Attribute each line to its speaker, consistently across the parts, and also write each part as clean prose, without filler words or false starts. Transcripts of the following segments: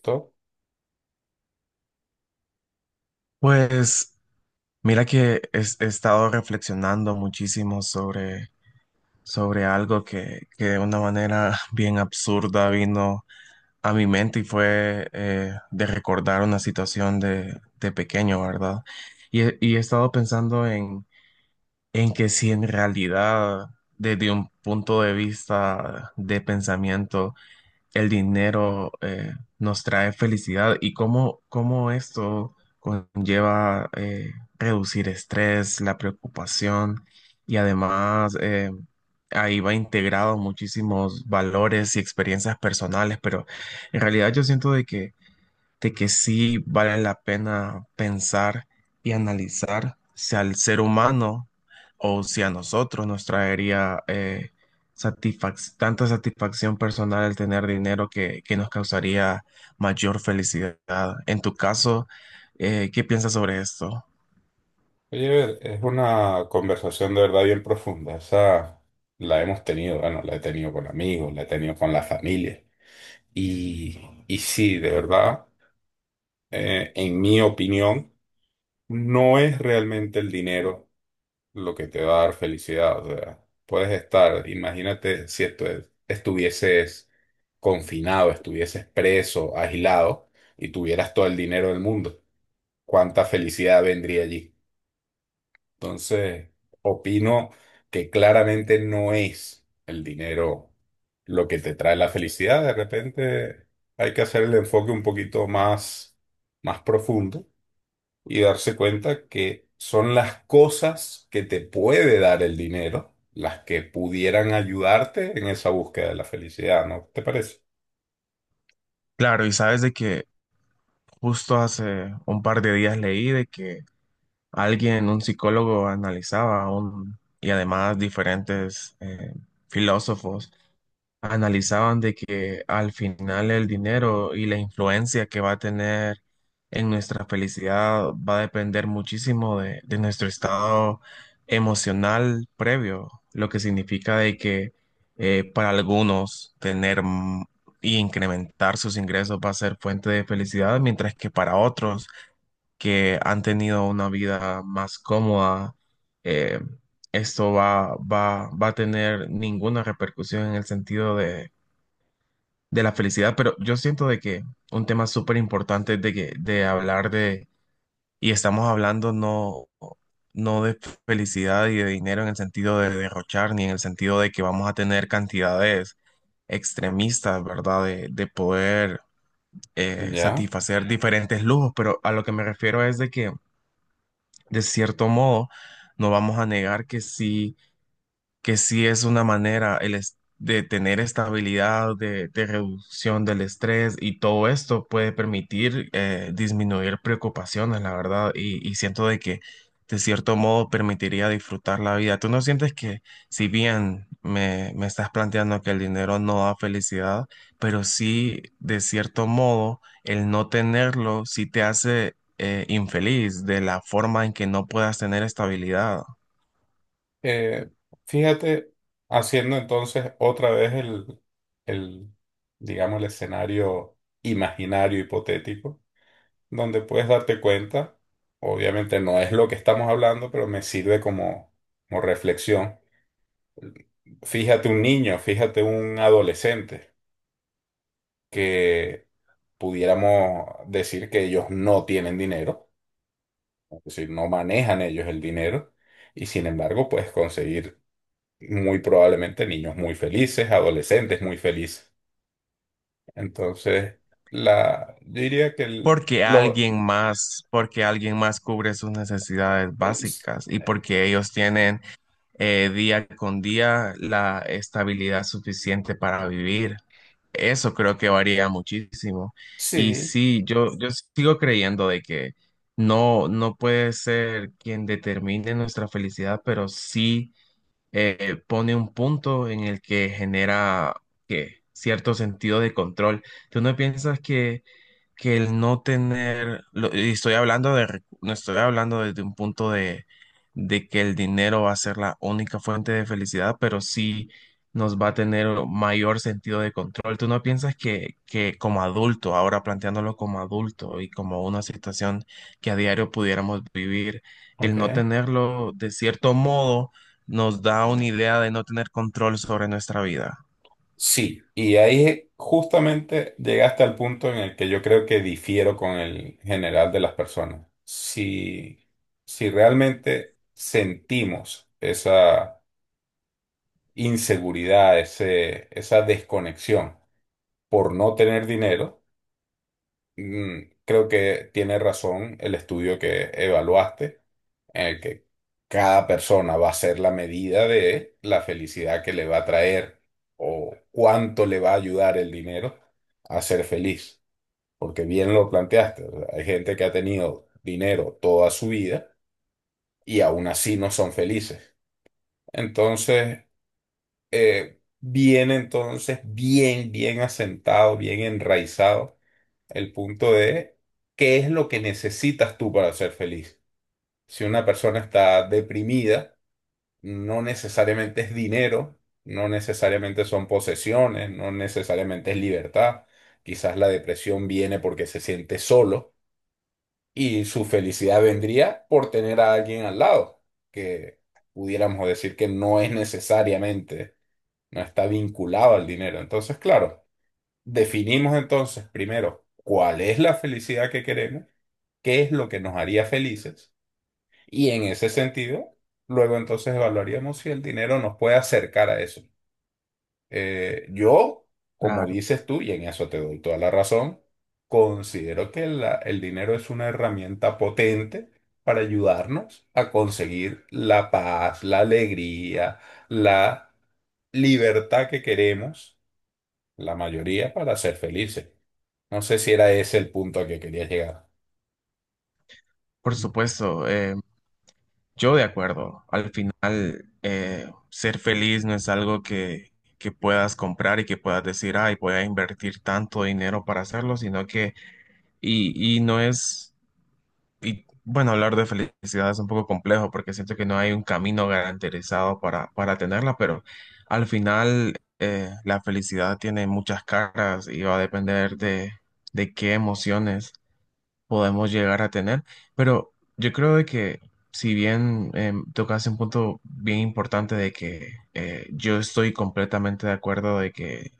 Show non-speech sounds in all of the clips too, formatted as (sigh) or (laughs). Speaker 1: Perfecto.
Speaker 2: Pues mira que estado reflexionando muchísimo sobre algo que de una manera (laughs) bien absurda vino a mi mente y fue de recordar una situación de pequeño, ¿verdad? Y he estado pensando en que si en realidad, desde un punto de vista de pensamiento, el dinero nos trae felicidad y cómo esto conlleva reducir estrés, la preocupación y además ahí va integrado muchísimos valores y experiencias personales, pero en realidad yo siento de que sí vale la pena pensar y analizar si al ser humano o si a nosotros nos traería tanta satisfacción personal el tener dinero que nos causaría mayor felicidad. En tu caso, ¿qué piensas sobre esto?
Speaker 1: Oye, es una conversación de verdad bien profunda. Esa la hemos tenido, bueno, la he tenido con amigos, la he tenido con la familia. Y, y sí, de verdad, en mi opinión, no es realmente el dinero lo que te va a dar felicidad. O sea, puedes estar, imagínate si estuvieses confinado, estuvieses preso, aislado y tuvieras todo el dinero del mundo. ¿Cuánta felicidad vendría allí? Entonces, opino que claramente no es el dinero lo que te trae la felicidad. De repente hay que hacer el enfoque un poquito más profundo y darse cuenta que son las cosas que te puede dar el dinero las que pudieran ayudarte en esa búsqueda de la felicidad, ¿no te parece?
Speaker 2: Claro, y sabes de que justo hace un par de días leí de que alguien, un psicólogo, analizaba un, y además diferentes filósofos analizaban de que al final el dinero y la influencia que va a tener en nuestra felicidad va a depender muchísimo de nuestro estado emocional previo, lo que significa de que para algunos tener y incrementar sus ingresos va a ser fuente de felicidad, mientras que para otros que han tenido una vida más cómoda, eh, esto va a tener ninguna repercusión en el sentido de la felicidad, pero yo siento de que un tema súper importante de que de hablar de y estamos hablando no de felicidad y de dinero en el sentido de derrochar ni en el sentido de que vamos a tener cantidades extremistas, ¿verdad? De poder
Speaker 1: Ya.
Speaker 2: satisfacer diferentes lujos, pero a lo que me refiero es de que de cierto modo no vamos a negar que sí es una manera de tener estabilidad, de reducción del estrés y todo esto puede permitir disminuir preocupaciones, la verdad, y siento de que de cierto modo permitiría disfrutar la vida. ¿Tú no sientes que si bien me estás planteando que el dinero no da felicidad, pero sí de cierto modo el no tenerlo sí te hace infeliz de la forma en que no puedas tener estabilidad?
Speaker 1: Eh, fíjate, haciendo entonces otra vez el, digamos, el escenario imaginario, hipotético, donde puedes darte cuenta, obviamente no es lo que estamos hablando, pero me sirve como reflexión. Fíjate un niño, fíjate un adolescente, que pudiéramos decir que ellos no tienen dinero, es decir, no manejan ellos el dinero, y sin embargo puedes conseguir muy probablemente niños muy felices, adolescentes muy felices. Entonces, yo diría que
Speaker 2: Porque alguien más cubre sus necesidades
Speaker 1: es-
Speaker 2: básicas y
Speaker 1: eh,
Speaker 2: porque ellos tienen día con día la estabilidad suficiente para vivir. Eso creo que varía muchísimo. Y
Speaker 1: sí,
Speaker 2: sí, yo sigo creyendo de que no puede ser quien determine nuestra felicidad, pero sí pone un punto en el que genera que cierto sentido de control. ¿Tú no piensas que el no tener, y estoy hablando de, no estoy hablando desde un punto de que el dinero va a ser la única fuente de felicidad, pero sí nos va a tener mayor sentido de control? ¿Tú no piensas que como adulto, ahora planteándolo como adulto y como una situación que a diario pudiéramos vivir, el
Speaker 1: ok.
Speaker 2: no tenerlo de cierto modo nos da una idea de no tener control sobre nuestra vida?
Speaker 1: Sí, y ahí justamente llegaste al punto en el que yo creo que difiero con el general de las personas. Si, si realmente sentimos esa inseguridad, esa desconexión por no tener dinero. Mm, creo que tiene razón el estudio que evaluaste, en el que cada persona va a ser la medida de la felicidad que le va a traer o cuánto le va a ayudar el dinero a ser feliz. Porque bien lo planteaste, o sea, hay gente que ha tenido dinero toda su vida y aún así no son felices. Entonces, bien, bien asentado, bien enraizado el punto de qué es lo que necesitas tú para ser feliz. Si una persona está deprimida, no necesariamente es dinero, no necesariamente son posesiones, no necesariamente es libertad. Quizás la depresión viene porque se siente solo y su felicidad vendría por tener a alguien al lado, que pudiéramos decir que no es necesariamente, no está vinculado al dinero. Entonces, claro, definimos entonces primero cuál es la felicidad que queremos, qué es lo que nos haría felices, y en ese sentido, luego entonces evaluaríamos si el dinero nos puede acercar a eso. Eh, yo, como
Speaker 2: Claro,
Speaker 1: dices tú, y en eso te doy toda la razón, considero que el dinero es una herramienta potente para ayudarnos a conseguir la paz, la alegría, la libertad que queremos, la mayoría, para ser felices. No sé si era ese el punto a que querías llegar.
Speaker 2: por supuesto, yo de acuerdo. Al final, ser feliz no es algo que puedas comprar y que puedas decir, ay, voy a invertir tanto dinero para hacerlo, sino que, y no es, y bueno, hablar de felicidad es un poco complejo porque siento que no hay un camino garantizado para tenerla, pero al final, la felicidad tiene muchas caras y va a depender de qué emociones podemos llegar a tener, pero yo creo de que si bien tocas un punto bien importante de que yo estoy completamente de acuerdo de que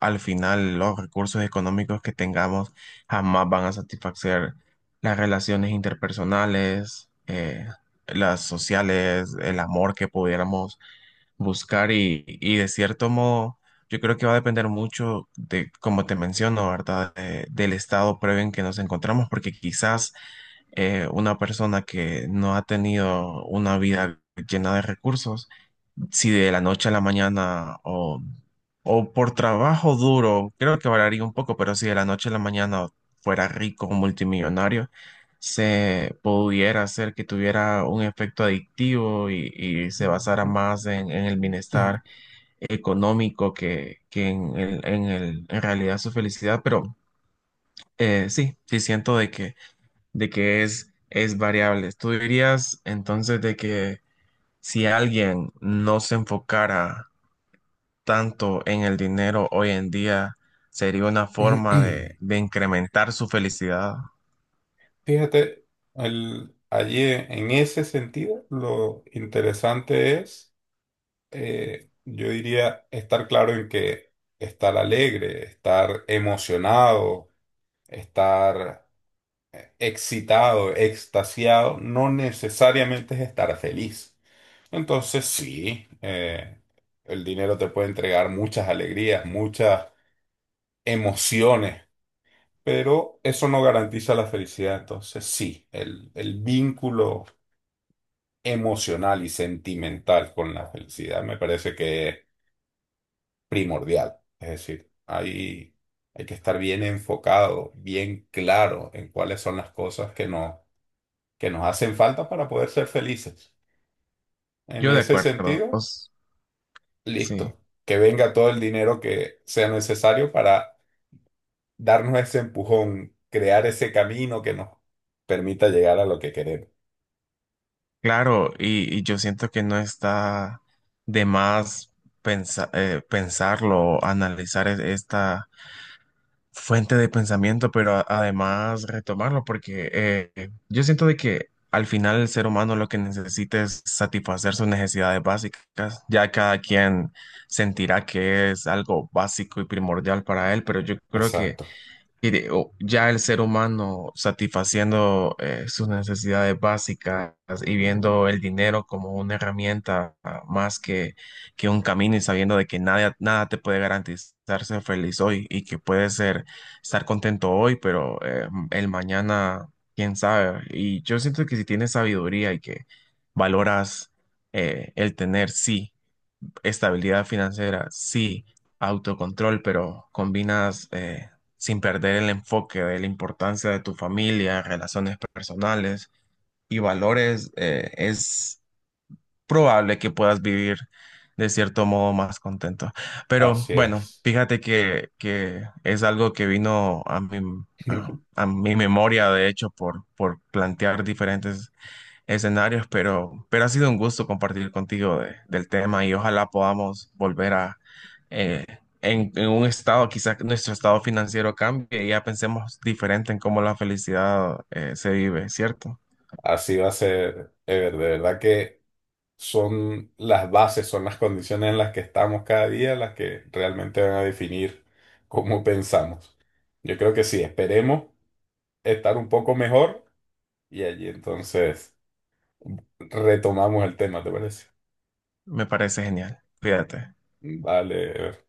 Speaker 2: al final los recursos económicos que tengamos jamás van a satisfacer las relaciones interpersonales, las sociales, el amor que pudiéramos buscar y de cierto modo yo creo que va a depender mucho de, como te menciono, ¿verdad? De- del estado previo en que nos encontramos, porque quizás una persona que no ha tenido una vida llena de recursos, si de la noche a la mañana o por trabajo duro, creo que variaría un poco, pero si de la noche a la mañana fuera rico o multimillonario, se pudiera hacer que tuviera un efecto adictivo y se basara más en el bienestar
Speaker 1: (laughs)
Speaker 2: económico que en en realidad su felicidad, pero sí siento de de que es variable. ¿Tú dirías entonces de que si alguien no se enfocara tanto en el dinero hoy en día, sería una forma
Speaker 1: (clears throat)
Speaker 2: de incrementar su felicidad?
Speaker 1: Fíjate, allí en ese sentido, lo interesante es, yo diría, estar claro en que estar alegre, estar emocionado, estar excitado, extasiado, no necesariamente es estar feliz. Entonces, sí, el dinero te puede entregar muchas alegrías, muchas emociones, pero eso no garantiza la felicidad. Entonces, sí, el vínculo emocional y sentimental con la felicidad me parece que es primordial. Es decir, hay que estar bien enfocado, bien claro en cuáles son las cosas que que nos hacen falta para poder ser felices. En
Speaker 2: Yo de
Speaker 1: ese
Speaker 2: acuerdo,
Speaker 1: sentido,
Speaker 2: pues, sí,
Speaker 1: listo, que venga todo el dinero que sea necesario para darnos ese empujón, crear ese camino que nos permita llegar a lo que queremos.
Speaker 2: claro, y yo siento que no está de más pensarlo, analizar esta fuente de pensamiento, pero además retomarlo, porque yo siento de que al final el ser humano lo que necesita es satisfacer sus necesidades básicas. Ya cada quien sentirá que es algo básico y primordial para él, pero yo creo que
Speaker 1: Exacto.
Speaker 2: o ya el ser humano satisfaciendo sus necesidades básicas y viendo el dinero como una herramienta ah, más que un camino y sabiendo de que nada te puede garantizar ser feliz hoy y que puede ser estar contento hoy, pero el mañana, quién sabe. Y yo siento que si tienes sabiduría y que valoras el tener, sí. Estabilidad financiera, sí, autocontrol, pero combinas sin perder el enfoque de la importancia de tu familia, relaciones personales y valores, es probable que puedas vivir de cierto modo más contento. Pero
Speaker 1: Así
Speaker 2: bueno,
Speaker 1: es.
Speaker 2: fíjate que es algo que vino a
Speaker 1: (laughs)
Speaker 2: a mi memoria, de hecho, por plantear diferentes escenarios, pero ha sido un gusto compartir contigo de- del tema y ojalá podamos volver a, eh, en un estado, quizás nuestro estado financiero cambie y ya pensemos diferente en cómo la felicidad se vive, ¿cierto?
Speaker 1: Así va a ser, Ever. De verdad que son las bases, son las condiciones en las que estamos cada día las que realmente van a definir cómo pensamos. Yo creo que sí, esperemos estar un poco mejor y allí entonces retomamos el tema, ¿te parece?
Speaker 2: Me parece genial. Cuídate.
Speaker 1: Vale, Ever.